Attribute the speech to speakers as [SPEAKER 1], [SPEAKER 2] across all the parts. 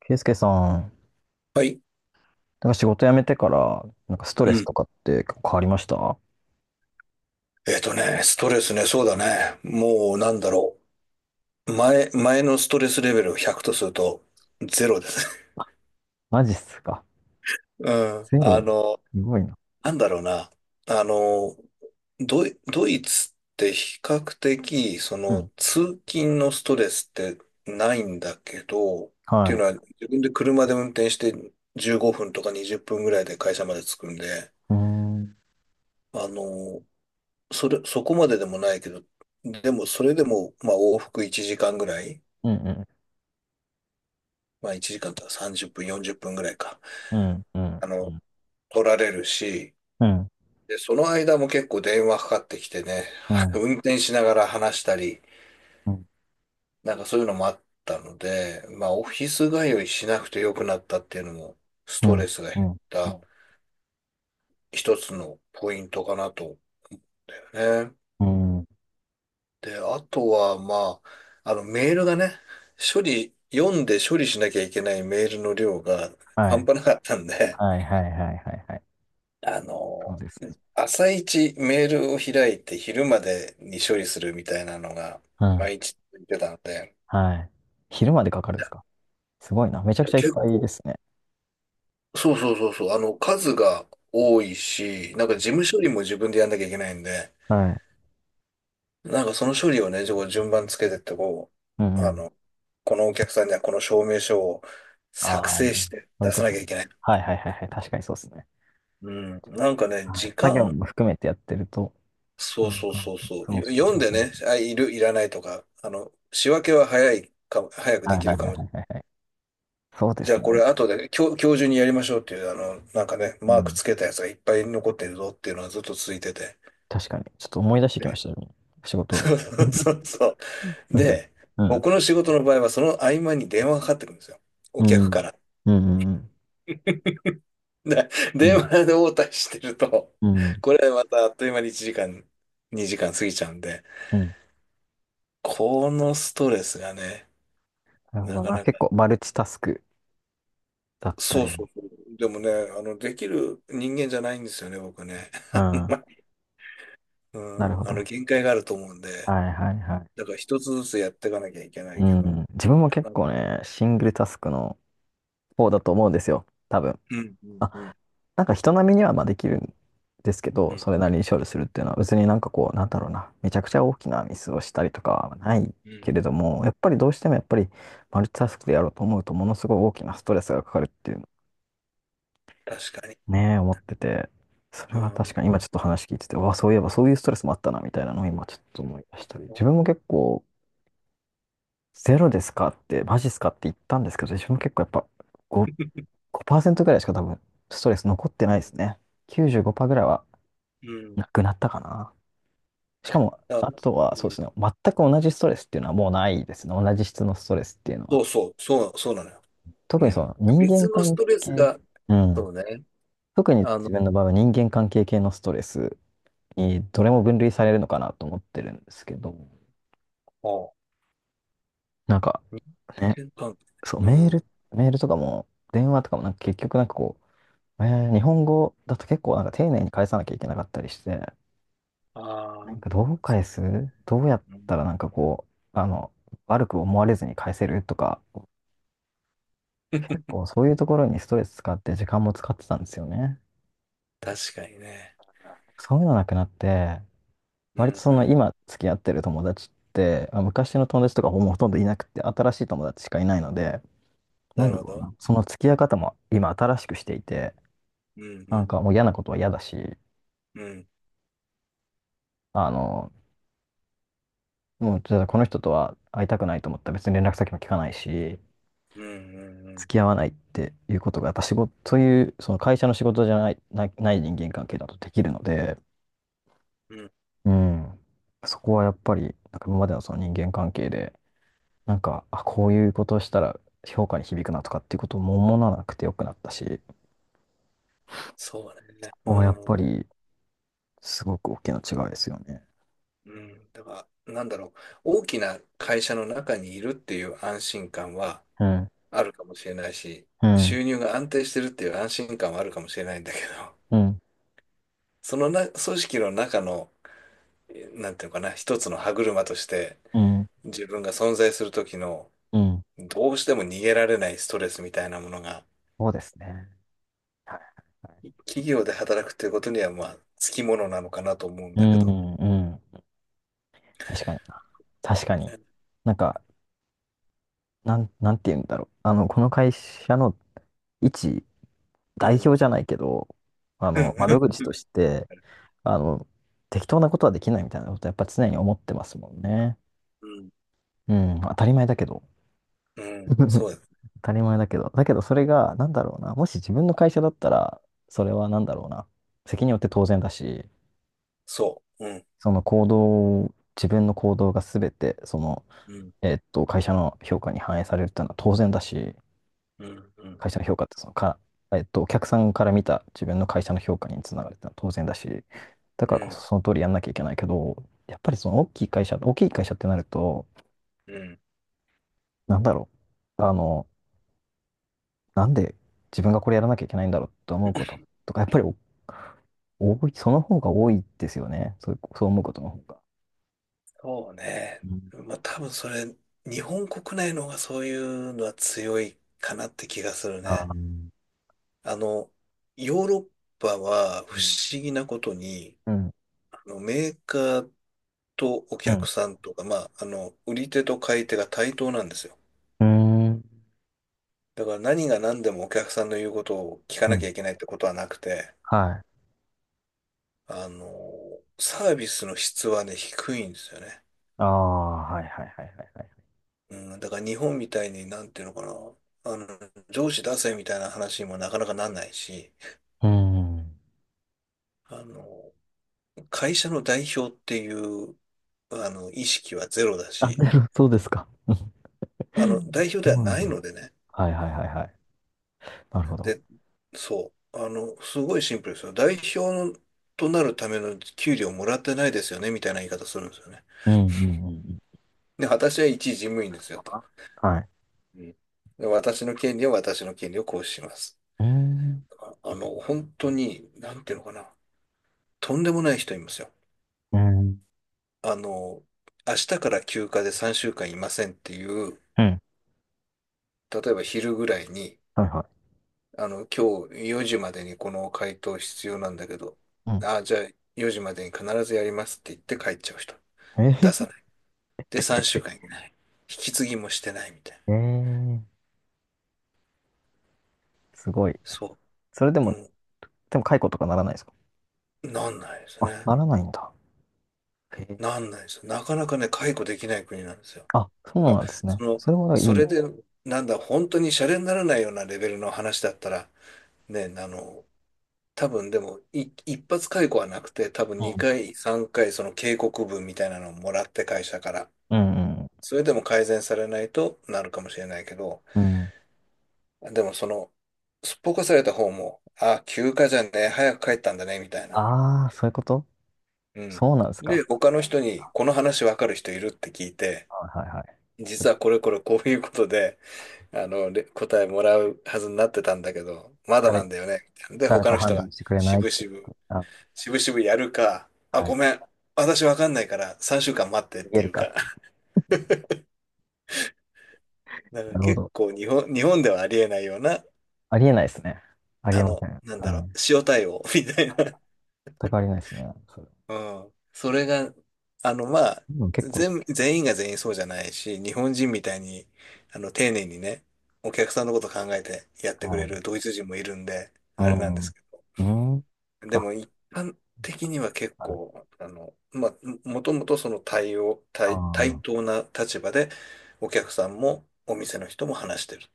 [SPEAKER 1] ケイスケさん、
[SPEAKER 2] はい。
[SPEAKER 1] なんか仕事辞めてから、なんかスト
[SPEAKER 2] う
[SPEAKER 1] レス
[SPEAKER 2] ん。
[SPEAKER 1] とかって結構変わりました？
[SPEAKER 2] ストレスね、そうだね。もう、前のストレスレベルを100とすると、ゼロですね。
[SPEAKER 1] マジっすか。
[SPEAKER 2] うん。
[SPEAKER 1] ゼ
[SPEAKER 2] あ
[SPEAKER 1] ロ。
[SPEAKER 2] の、
[SPEAKER 1] すごいな。
[SPEAKER 2] なんだろうな。あの、ドイ、ドイツって比較的、
[SPEAKER 1] うん。
[SPEAKER 2] 通勤のストレスってないんだけど、っ
[SPEAKER 1] は
[SPEAKER 2] ていうの
[SPEAKER 1] い。
[SPEAKER 2] は、自分で車で運転して15分とか20分ぐらいで会社まで着くんで、
[SPEAKER 1] うーん。うん
[SPEAKER 2] あの、そこまででもないけど、でもそれでも、まあ往復1時間ぐらい、
[SPEAKER 1] うん。
[SPEAKER 2] まあ1時間とか30分、40分ぐらいか、
[SPEAKER 1] うん。うん。
[SPEAKER 2] あ
[SPEAKER 1] う
[SPEAKER 2] の、
[SPEAKER 1] ん。
[SPEAKER 2] 取られるし、
[SPEAKER 1] うん。
[SPEAKER 2] で、その間も結構電話かかってきてね、
[SPEAKER 1] う ん。
[SPEAKER 2] 運転しながら話したり、
[SPEAKER 1] うん。
[SPEAKER 2] なんかそういうのもあったので、まあオフィス通いしなくてよくなったっていうのも、ス
[SPEAKER 1] うん。
[SPEAKER 2] トレスが減っ
[SPEAKER 1] うん
[SPEAKER 2] た
[SPEAKER 1] う
[SPEAKER 2] 一つのポイントかなと思ってね。
[SPEAKER 1] んうん。
[SPEAKER 2] で、あとは、メールがね、読んで処理しなきゃいけないメールの量が
[SPEAKER 1] は
[SPEAKER 2] 半
[SPEAKER 1] い。
[SPEAKER 2] 端なかったんで、
[SPEAKER 1] はいはいはいはいはい。
[SPEAKER 2] あ
[SPEAKER 1] そう
[SPEAKER 2] の、
[SPEAKER 1] ですね。
[SPEAKER 2] 朝一メールを開いて昼までに処理するみたいなのが、
[SPEAKER 1] うん。
[SPEAKER 2] 毎日言ってたので、
[SPEAKER 1] はい。昼までかかるんですか？すごいな。めちゃ
[SPEAKER 2] い
[SPEAKER 1] く
[SPEAKER 2] や、
[SPEAKER 1] ちゃいっ
[SPEAKER 2] 結
[SPEAKER 1] ぱいで
[SPEAKER 2] 構、
[SPEAKER 1] すね。
[SPEAKER 2] そうそうそうそう。数が多いし、なんか事務処理も自分でやんなきゃいけないんで、
[SPEAKER 1] はい。
[SPEAKER 2] なんかその処理をね、こう順番つけてって
[SPEAKER 1] う
[SPEAKER 2] う、
[SPEAKER 1] んう
[SPEAKER 2] あ
[SPEAKER 1] ん。
[SPEAKER 2] の、このお客さんにはこの証明書を作
[SPEAKER 1] ああ、
[SPEAKER 2] 成して
[SPEAKER 1] そういう
[SPEAKER 2] 出
[SPEAKER 1] こ
[SPEAKER 2] さな
[SPEAKER 1] と
[SPEAKER 2] きゃ
[SPEAKER 1] ね。
[SPEAKER 2] いけない。
[SPEAKER 1] はいはいはいはい。確かにそうですね。
[SPEAKER 2] うん。なんかね、
[SPEAKER 1] はい、
[SPEAKER 2] 時
[SPEAKER 1] 作業
[SPEAKER 2] 間、
[SPEAKER 1] も含めてやってると、
[SPEAKER 2] そ
[SPEAKER 1] そ
[SPEAKER 2] う
[SPEAKER 1] う
[SPEAKER 2] そう
[SPEAKER 1] か。
[SPEAKER 2] そうそう。
[SPEAKER 1] そうそう
[SPEAKER 2] 読ん
[SPEAKER 1] そ
[SPEAKER 2] でね、
[SPEAKER 1] う。
[SPEAKER 2] いらないとか、仕分けは早いか、早く
[SPEAKER 1] は
[SPEAKER 2] で
[SPEAKER 1] い
[SPEAKER 2] き
[SPEAKER 1] は
[SPEAKER 2] る
[SPEAKER 1] い
[SPEAKER 2] か
[SPEAKER 1] はい
[SPEAKER 2] も。
[SPEAKER 1] はいはいはい。そうで
[SPEAKER 2] じゃ
[SPEAKER 1] す
[SPEAKER 2] あこれ
[SPEAKER 1] ね。
[SPEAKER 2] 後で今日中にやりましょうっていう、
[SPEAKER 1] う
[SPEAKER 2] マーク
[SPEAKER 1] ん。
[SPEAKER 2] つけたやつがいっぱい残ってるぞっていうのはずっと続いてて。
[SPEAKER 1] 確かに。ちょっと思い出してきまし
[SPEAKER 2] で
[SPEAKER 1] たよ、仕事。
[SPEAKER 2] そうそうそう そう。で、
[SPEAKER 1] うん。
[SPEAKER 2] 僕の仕事の場合はその合間に電話がかかってくるんですよ。お
[SPEAKER 1] う
[SPEAKER 2] 客か
[SPEAKER 1] ん。
[SPEAKER 2] ら。
[SPEAKER 1] うん。うん。
[SPEAKER 2] で
[SPEAKER 1] う
[SPEAKER 2] 電
[SPEAKER 1] ん。
[SPEAKER 2] 話で応対してると、
[SPEAKER 1] うん
[SPEAKER 2] これまたあっという間に1時間、2時間過ぎちゃうんで、
[SPEAKER 1] うん。
[SPEAKER 2] このストレスがね、
[SPEAKER 1] なるほ
[SPEAKER 2] な
[SPEAKER 1] ど
[SPEAKER 2] か
[SPEAKER 1] な。
[SPEAKER 2] な
[SPEAKER 1] 結
[SPEAKER 2] か、
[SPEAKER 1] 構マルチタスクだった
[SPEAKER 2] そう
[SPEAKER 1] り
[SPEAKER 2] そう
[SPEAKER 1] も。
[SPEAKER 2] そう。でもね、できる人間じゃないんですよね、僕ね。
[SPEAKER 1] う
[SPEAKER 2] あん
[SPEAKER 1] ん。
[SPEAKER 2] まり
[SPEAKER 1] なるほど。
[SPEAKER 2] 限界があると思うんで、
[SPEAKER 1] はいはいはい。
[SPEAKER 2] だから一つずつやっていかなきゃいけない
[SPEAKER 1] う
[SPEAKER 2] けど、
[SPEAKER 1] ん。自分も
[SPEAKER 2] な
[SPEAKER 1] 結
[SPEAKER 2] んか
[SPEAKER 1] 構ね、シングルタスクの方だと思うんですよ。多分。
[SPEAKER 2] うん、うん、うん、
[SPEAKER 1] なんか人並みにはまあできるんですけ
[SPEAKER 2] う
[SPEAKER 1] ど、
[SPEAKER 2] ん、
[SPEAKER 1] それなりに勝利するっていうのは別になんかこう、なんだろうな、めちゃくちゃ大きなミスをしたりとかはない
[SPEAKER 2] うん、
[SPEAKER 1] けれども、やっぱりどうしてもやっぱりマルチタスクでやろうと思うとものすごい大きなストレスがかかるっていうのを
[SPEAKER 2] 確かに。
[SPEAKER 1] ね、思ってて、それ
[SPEAKER 2] う
[SPEAKER 1] は確
[SPEAKER 2] ん、
[SPEAKER 1] かに今ちょっと話聞いてて、うわ、そういえばそういうストレスもあったなみたいなのを今ちょっと思い出したり、自分も結構ゼロですかって、マジっすかって言ったんですけど、自分も結構やっぱご ごパーセン5%ぐらいしか多分ストレス残ってない
[SPEAKER 2] う
[SPEAKER 1] です
[SPEAKER 2] ん
[SPEAKER 1] ね。95%ぐらいは
[SPEAKER 2] うん、
[SPEAKER 1] なくなったかな。しかも、
[SPEAKER 2] あ、う
[SPEAKER 1] あとはそうで
[SPEAKER 2] ん、
[SPEAKER 1] すね、全く同じストレスっていうのはもうないですね。同じ質のストレスっていうのは。
[SPEAKER 2] そうそう、そうなのよ。
[SPEAKER 1] 特
[SPEAKER 2] う
[SPEAKER 1] にそ
[SPEAKER 2] ん。
[SPEAKER 1] の人
[SPEAKER 2] 別
[SPEAKER 1] 間
[SPEAKER 2] のス
[SPEAKER 1] 関
[SPEAKER 2] トレス
[SPEAKER 1] 係、
[SPEAKER 2] が、
[SPEAKER 1] うん。
[SPEAKER 2] そうね。
[SPEAKER 1] 特に
[SPEAKER 2] あの、
[SPEAKER 1] 自分の場合は人間関係系のストレスにどれも分類されるのかなと思ってるんですけど、
[SPEAKER 2] う。
[SPEAKER 1] なんか
[SPEAKER 2] 人
[SPEAKER 1] ね、
[SPEAKER 2] 間関係。
[SPEAKER 1] そう、
[SPEAKER 2] う
[SPEAKER 1] メー
[SPEAKER 2] ん。
[SPEAKER 1] ル、メールとかも電話とかもなんか結局なんかこう、日本語だと結構なんか丁寧に返さなきゃいけなかったりして、
[SPEAKER 2] あ
[SPEAKER 1] な
[SPEAKER 2] あ。
[SPEAKER 1] んかどう返すどうやっ
[SPEAKER 2] うん
[SPEAKER 1] たらなんかこう、悪く思われずに返せるとか結構 そういうところにストレス使って時間も使ってたんですよね。
[SPEAKER 2] 確かにね。
[SPEAKER 1] そういうのなくなって、
[SPEAKER 2] う
[SPEAKER 1] 割と
[SPEAKER 2] ん
[SPEAKER 1] そ
[SPEAKER 2] う
[SPEAKER 1] の
[SPEAKER 2] ん。
[SPEAKER 1] 今付き合ってる友達って、まあ、昔の友達とかもうほとんどいなくて、新しい友達しかいないので、な
[SPEAKER 2] な
[SPEAKER 1] ん
[SPEAKER 2] る
[SPEAKER 1] だ
[SPEAKER 2] ほ
[SPEAKER 1] ろう
[SPEAKER 2] ど。
[SPEAKER 1] な、その付き合い方も今新しくしていて、
[SPEAKER 2] うんう
[SPEAKER 1] なん
[SPEAKER 2] ん
[SPEAKER 1] かもう嫌なことは嫌だし、
[SPEAKER 2] うん
[SPEAKER 1] あの、もうじゃあこの人とは会いたくないと思ったら別に連絡先も聞かないし、
[SPEAKER 2] うんうん
[SPEAKER 1] 付き合わないっていうことが、やっぱ仕事、そういう、その会社の仕事じゃない人間関係だとできるので、
[SPEAKER 2] うんうん。
[SPEAKER 1] うん。そこはやっぱり、なんか今までのその人間関係で、なんか、あ、こういうことをしたら評価に響くなとかっていうことをも思わなくてよくなったし、こ
[SPEAKER 2] そうね。う
[SPEAKER 1] こはやっぱ
[SPEAKER 2] ん
[SPEAKER 1] り、すごく大きな違いですよね。
[SPEAKER 2] うん。だから、なんだろう。大きな会社の中にいるっていう安心感は
[SPEAKER 1] うん、
[SPEAKER 2] あるかもしれないし、
[SPEAKER 1] うん、
[SPEAKER 2] 収入が安定してるっていう安心感はあるかもしれないんだけど、
[SPEAKER 1] うん、
[SPEAKER 2] その組織の中の、なんていうのかな、一つの歯車として、
[SPEAKER 1] うん、
[SPEAKER 2] 自分が存在する時の
[SPEAKER 1] うん。
[SPEAKER 2] どうしても逃げられないストレスみたいなものが
[SPEAKER 1] そうですね。はい。
[SPEAKER 2] 企業で働くということにはまあつきものなのかなと思うん
[SPEAKER 1] う
[SPEAKER 2] だけど。
[SPEAKER 1] ん、うん。確かにな。確かに。なんか、なんて言うんだろう。この会社の一
[SPEAKER 2] う
[SPEAKER 1] 代表
[SPEAKER 2] ん。
[SPEAKER 1] じゃないけど、
[SPEAKER 2] うん。
[SPEAKER 1] 窓口として、あの、適当なことはできないみたいなことやっぱ常に思ってますもんね。
[SPEAKER 2] うん。
[SPEAKER 1] うん、当たり前だけど。
[SPEAKER 2] うんそ うです。
[SPEAKER 1] 当たり前だけど。だけどそれが、なんだろうな。もし自分の会社だったら、それはなんだろうな。責任を負って当然だし、
[SPEAKER 2] そう。うん。
[SPEAKER 1] その行動、自分の行動が全て、その、
[SPEAKER 2] うん。
[SPEAKER 1] 会社の評価に反映されるっていうのは当然だし、
[SPEAKER 2] うん。うん。
[SPEAKER 1] 会社の評価ってそのか、えっと、お客さんから見た自分の会社の評価につながるっていうのは当然だし、だか
[SPEAKER 2] う
[SPEAKER 1] らこ
[SPEAKER 2] ん。
[SPEAKER 1] そその通りやんなきゃいけないけど、やっぱりその大きい会社、大きい会社ってなると、
[SPEAKER 2] うん
[SPEAKER 1] なんだろう。なんで自分がこれやらなきゃいけないんだろうと思うこと とか、やっぱりお多い、その方が多いですよね。そう、そう思うことの方が。
[SPEAKER 2] そうね。
[SPEAKER 1] うん。
[SPEAKER 2] まあ多分それ、日本国内の方がそういうのは強いかなって気がする
[SPEAKER 1] ああ、
[SPEAKER 2] ね。
[SPEAKER 1] うん。
[SPEAKER 2] あの、ヨーロッパは不思議なことに、
[SPEAKER 1] うん、
[SPEAKER 2] あのメーカーとお
[SPEAKER 1] う
[SPEAKER 2] 客
[SPEAKER 1] ん、
[SPEAKER 2] さんとか、売り手と買い手が対等なんですよ。
[SPEAKER 1] うん、
[SPEAKER 2] だから何が何でもお客さんの言うことを聞か
[SPEAKER 1] う
[SPEAKER 2] なきゃ
[SPEAKER 1] ん、
[SPEAKER 2] いけないってことはなくて、
[SPEAKER 1] はい。
[SPEAKER 2] あの、サービスの質はね、低いんですよね。
[SPEAKER 1] ああ、はいはいはいはいはい。
[SPEAKER 2] うん、だから日本みたいに、なんていうのかな、あの、上司出せみたいな話にもなかなかなんないし、
[SPEAKER 1] うん。
[SPEAKER 2] あの、会社の代表っていう、意識はゼロだ
[SPEAKER 1] あ、
[SPEAKER 2] し、
[SPEAKER 1] なるほどそうですか。うん。
[SPEAKER 2] 代表
[SPEAKER 1] そ
[SPEAKER 2] では
[SPEAKER 1] うなん
[SPEAKER 2] な
[SPEAKER 1] だ。
[SPEAKER 2] いのでね、
[SPEAKER 1] はいはいはいはい。なるほど。
[SPEAKER 2] で、そう。あの、すごいシンプルですよ。代表となるための給料もらってないですよね、みたいな言い方するんですよね。
[SPEAKER 1] うんうんうんうん。
[SPEAKER 2] で、私は一事務員ですよ、
[SPEAKER 1] あ、
[SPEAKER 2] と。
[SPEAKER 1] はい。
[SPEAKER 2] うんで私の権利は私の権利を行使します。
[SPEAKER 1] うん。
[SPEAKER 2] 本当に、なんていうのかな。とんでもない人いますよ。
[SPEAKER 1] うん。
[SPEAKER 2] あの、明日から休暇で3週間いませんっていう、
[SPEAKER 1] うん。
[SPEAKER 2] 例えば昼ぐらいに、
[SPEAKER 1] はいは
[SPEAKER 2] 今日4時までにこの回答必要なんだけど、
[SPEAKER 1] い。うん。
[SPEAKER 2] じゃあ4時までに必ずやりますって言って帰っちゃう人。出
[SPEAKER 1] え
[SPEAKER 2] さない。で、3週間いない。引き継ぎもしてないみたいな。
[SPEAKER 1] ー、えー、すごい。
[SPEAKER 2] そ
[SPEAKER 1] それでも、
[SPEAKER 2] う。
[SPEAKER 1] でも解雇とかならないですか？
[SPEAKER 2] うん。なんないです
[SPEAKER 1] あ、
[SPEAKER 2] ね。
[SPEAKER 1] ならないんだ。へえ。
[SPEAKER 2] なんないですよ。なかなかね、解雇できない国なんですよ。
[SPEAKER 1] あ、そう
[SPEAKER 2] まあ、
[SPEAKER 1] なんですね。
[SPEAKER 2] その、
[SPEAKER 1] それはい
[SPEAKER 2] そ
[SPEAKER 1] い。
[SPEAKER 2] れで、なんだ、本当にシャレにならないようなレベルの話だったら、ね、あの、多分でも、一発解雇はなくて、多分
[SPEAKER 1] うん
[SPEAKER 2] 2回、3回、その警告文みたいなのをもらって会社から。
[SPEAKER 1] うんうん。
[SPEAKER 2] それでも改善されないとなるかもしれないけど、
[SPEAKER 1] うん。
[SPEAKER 2] でも、すっぽかされた方も、あ、休暇じゃねえ、早く帰ったんだね、みたいな。
[SPEAKER 1] ああ、そういうこと。
[SPEAKER 2] うん。
[SPEAKER 1] そうなんです
[SPEAKER 2] で、
[SPEAKER 1] か？
[SPEAKER 2] 他の人に、この話わかる人いるって聞いて、
[SPEAKER 1] はいはいはい。ちょっ
[SPEAKER 2] 実
[SPEAKER 1] と
[SPEAKER 2] はこれこれこういうことで、答えもらうはずになってたんだけど、まだな
[SPEAKER 1] 誰、
[SPEAKER 2] んだよね。で、
[SPEAKER 1] 誰
[SPEAKER 2] 他
[SPEAKER 1] か
[SPEAKER 2] の
[SPEAKER 1] 判
[SPEAKER 2] 人が、
[SPEAKER 1] 断してくれな
[SPEAKER 2] し
[SPEAKER 1] い。
[SPEAKER 2] ぶしぶ、
[SPEAKER 1] あ、
[SPEAKER 2] しぶしぶやるか、あ、
[SPEAKER 1] は
[SPEAKER 2] ご
[SPEAKER 1] い。
[SPEAKER 2] めん、私わかんないから3週間待ってっ
[SPEAKER 1] 逃
[SPEAKER 2] て
[SPEAKER 1] げ
[SPEAKER 2] い
[SPEAKER 1] る
[SPEAKER 2] う
[SPEAKER 1] か。
[SPEAKER 2] か、だから
[SPEAKER 1] なるほ
[SPEAKER 2] 結
[SPEAKER 1] ど。
[SPEAKER 2] 構日本、日本ではありえないような、
[SPEAKER 1] ありえないですね。あり
[SPEAKER 2] あ
[SPEAKER 1] えませ
[SPEAKER 2] の、
[SPEAKER 1] ん。
[SPEAKER 2] なんだろう、
[SPEAKER 1] はい。
[SPEAKER 2] 塩対応みたいな。
[SPEAKER 1] 全くありえないですね。それ。
[SPEAKER 2] うん。それが、あの、まあ、
[SPEAKER 1] でも結構、
[SPEAKER 2] 全員が全員そうじゃないし、日本人みたいに、丁寧にね、お客さんのこと考えてやって
[SPEAKER 1] は
[SPEAKER 2] くれ
[SPEAKER 1] い。
[SPEAKER 2] るドイツ人もいるんで、
[SPEAKER 1] う
[SPEAKER 2] あれなんで
[SPEAKER 1] ん。
[SPEAKER 2] すけ
[SPEAKER 1] うん。
[SPEAKER 2] ど。で
[SPEAKER 1] あ、
[SPEAKER 2] も、一般的には結
[SPEAKER 1] はい。
[SPEAKER 2] 構、もともとその対応、
[SPEAKER 1] あ
[SPEAKER 2] 対、対
[SPEAKER 1] あ。
[SPEAKER 2] 等な立場で、お客さんもお店の人も話してる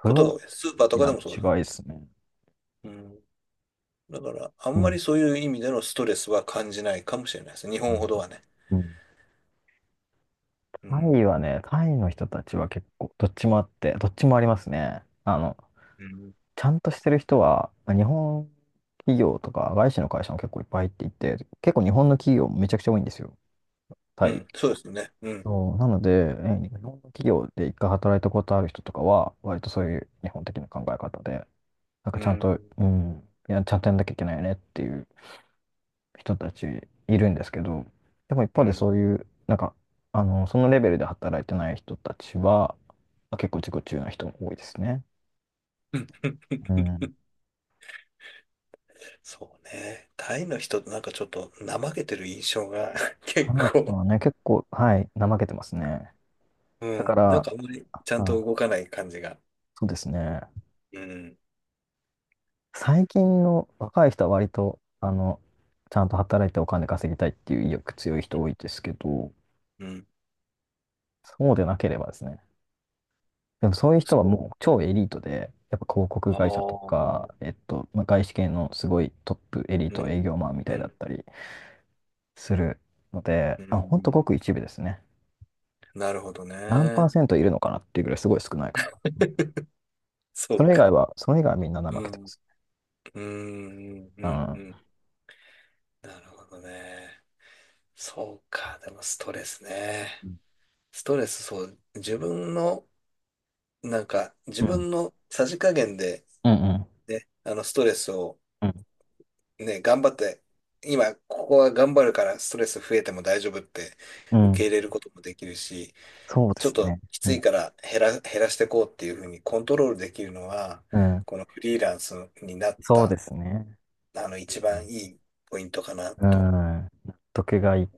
[SPEAKER 1] それ
[SPEAKER 2] こと
[SPEAKER 1] 大
[SPEAKER 2] が多いです。スーパーと
[SPEAKER 1] き
[SPEAKER 2] か
[SPEAKER 1] な
[SPEAKER 2] でもそうです。
[SPEAKER 1] 違いですね。
[SPEAKER 2] うん。だから、あ
[SPEAKER 1] う
[SPEAKER 2] んま
[SPEAKER 1] ん。
[SPEAKER 2] りそういう意味でのストレスは感じないかもしれないです。日
[SPEAKER 1] は
[SPEAKER 2] 本
[SPEAKER 1] い。
[SPEAKER 2] ほどはね。
[SPEAKER 1] うん。
[SPEAKER 2] う
[SPEAKER 1] タ
[SPEAKER 2] ん。
[SPEAKER 1] イはね、タイの人たちは結構、どっちもあって、どっちもありますね。
[SPEAKER 2] うん
[SPEAKER 1] ちゃんとしてる人は、まあ日本企業とか、外資の会社も結構いっぱい入っていて、結構日本の企業もめちゃくちゃ多いんですよ、タ
[SPEAKER 2] う
[SPEAKER 1] イ。
[SPEAKER 2] ん、そうですね。うん。
[SPEAKER 1] そう、なので、日本の企業で一回働いたことある人とかは、割とそういう日本的な考え方で、なん
[SPEAKER 2] う
[SPEAKER 1] かちゃんと、
[SPEAKER 2] ん。
[SPEAKER 1] うん、いや、ちゃんとやんなきゃいけないよねっていう人たちいるんですけど、でも一
[SPEAKER 2] う
[SPEAKER 1] 方で
[SPEAKER 2] ん。
[SPEAKER 1] そういう、なんか、そのレベルで働いてない人たちは、結構自己中な人も多いですね。
[SPEAKER 2] うん
[SPEAKER 1] うん。
[SPEAKER 2] そうね。タイの人ってなんかちょっと怠けてる印象が
[SPEAKER 1] あ
[SPEAKER 2] 結
[SPEAKER 1] の人
[SPEAKER 2] 構、
[SPEAKER 1] はね、結構、はい、怠けてますね。
[SPEAKER 2] う
[SPEAKER 1] だか
[SPEAKER 2] ん。なん
[SPEAKER 1] ら、
[SPEAKER 2] かあんまりちゃんと
[SPEAKER 1] あ、
[SPEAKER 2] 動かない感じが。
[SPEAKER 1] そうですね。
[SPEAKER 2] うん。
[SPEAKER 1] 最近の若い人は割と、ちゃんと働いてお金稼ぎたいっていう意欲強い人多いですけど、
[SPEAKER 2] うん。
[SPEAKER 1] そうでなければですね、でもそういう人は
[SPEAKER 2] そ
[SPEAKER 1] もう超エリートで、やっぱ広
[SPEAKER 2] う。
[SPEAKER 1] 告
[SPEAKER 2] あ
[SPEAKER 1] 会社とか、
[SPEAKER 2] あ。
[SPEAKER 1] まあ、外資系のすごいトップエリー
[SPEAKER 2] う
[SPEAKER 1] ト
[SPEAKER 2] ん。
[SPEAKER 1] 営業マンみた
[SPEAKER 2] う
[SPEAKER 1] いだっ
[SPEAKER 2] ん。
[SPEAKER 1] たりするので、
[SPEAKER 2] う
[SPEAKER 1] あ、ほんと
[SPEAKER 2] ん。
[SPEAKER 1] ごく一部ですね。
[SPEAKER 2] なるほど
[SPEAKER 1] 何パー
[SPEAKER 2] ね。
[SPEAKER 1] セントいるのかなっていうぐらいすごい少ないかな。うん。
[SPEAKER 2] そ
[SPEAKER 1] そ
[SPEAKER 2] う
[SPEAKER 1] れ以外
[SPEAKER 2] か。
[SPEAKER 1] は、それ以外はみんな怠
[SPEAKER 2] う
[SPEAKER 1] けてま
[SPEAKER 2] ん。
[SPEAKER 1] す。
[SPEAKER 2] うん。うん。う
[SPEAKER 1] う
[SPEAKER 2] ん。う
[SPEAKER 1] ん。
[SPEAKER 2] んなるほどね。そうか。でもストレスね。ストレス、そう。自
[SPEAKER 1] うん。
[SPEAKER 2] 分のさじ加減で、
[SPEAKER 1] うん。うん。
[SPEAKER 2] ストレスを
[SPEAKER 1] うん。
[SPEAKER 2] ね、頑張って、今、ここは頑張るからストレス増えても大丈夫って
[SPEAKER 1] う
[SPEAKER 2] 受け
[SPEAKER 1] ん。
[SPEAKER 2] 入れることもできるし、
[SPEAKER 1] そうで
[SPEAKER 2] ちょっ
[SPEAKER 1] す
[SPEAKER 2] と
[SPEAKER 1] ね。
[SPEAKER 2] き
[SPEAKER 1] う
[SPEAKER 2] つい
[SPEAKER 1] ん。
[SPEAKER 2] から減らしていこうっていうふうにコントロールできるのは、
[SPEAKER 1] うん。
[SPEAKER 2] このフリーランスになっ
[SPEAKER 1] そう
[SPEAKER 2] た、
[SPEAKER 1] ですね。う
[SPEAKER 2] 一番
[SPEAKER 1] ん。
[SPEAKER 2] いいポイントかな
[SPEAKER 1] うん。
[SPEAKER 2] と。
[SPEAKER 1] 納得がい、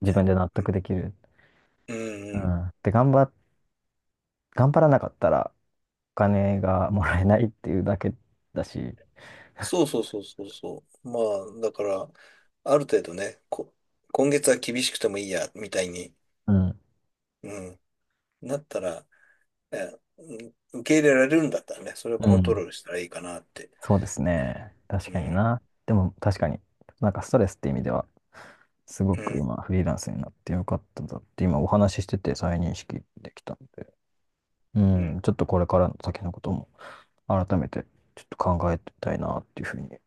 [SPEAKER 1] 自分
[SPEAKER 2] ね
[SPEAKER 1] で納
[SPEAKER 2] うん、
[SPEAKER 1] 得できる。
[SPEAKER 2] うん
[SPEAKER 1] う
[SPEAKER 2] うん
[SPEAKER 1] ん。で、頑張らなかったら、お金がもらえないっていうだけだし、
[SPEAKER 2] そうそうそうそうそう。まあ、だから、ある程度ね、今月は厳しくてもいいや、みたいに、
[SPEAKER 1] うん、
[SPEAKER 2] うん、なったら、ね、うん受け入れられるんだったらね、それを
[SPEAKER 1] う
[SPEAKER 2] コント
[SPEAKER 1] ん、
[SPEAKER 2] ロールしたらいいかなって。
[SPEAKER 1] そうですね。確
[SPEAKER 2] う
[SPEAKER 1] かに
[SPEAKER 2] ん、
[SPEAKER 1] な。でも確かに、なんかストレスって意味では、すご
[SPEAKER 2] う
[SPEAKER 1] く
[SPEAKER 2] ん、
[SPEAKER 1] 今フリーランスになってよかったんだって今お話ししてて再認識できたんで、う
[SPEAKER 2] う
[SPEAKER 1] ん、
[SPEAKER 2] ん。
[SPEAKER 1] ちょっとこれからの先のことも改めてちょっと考えたいなっていうふうに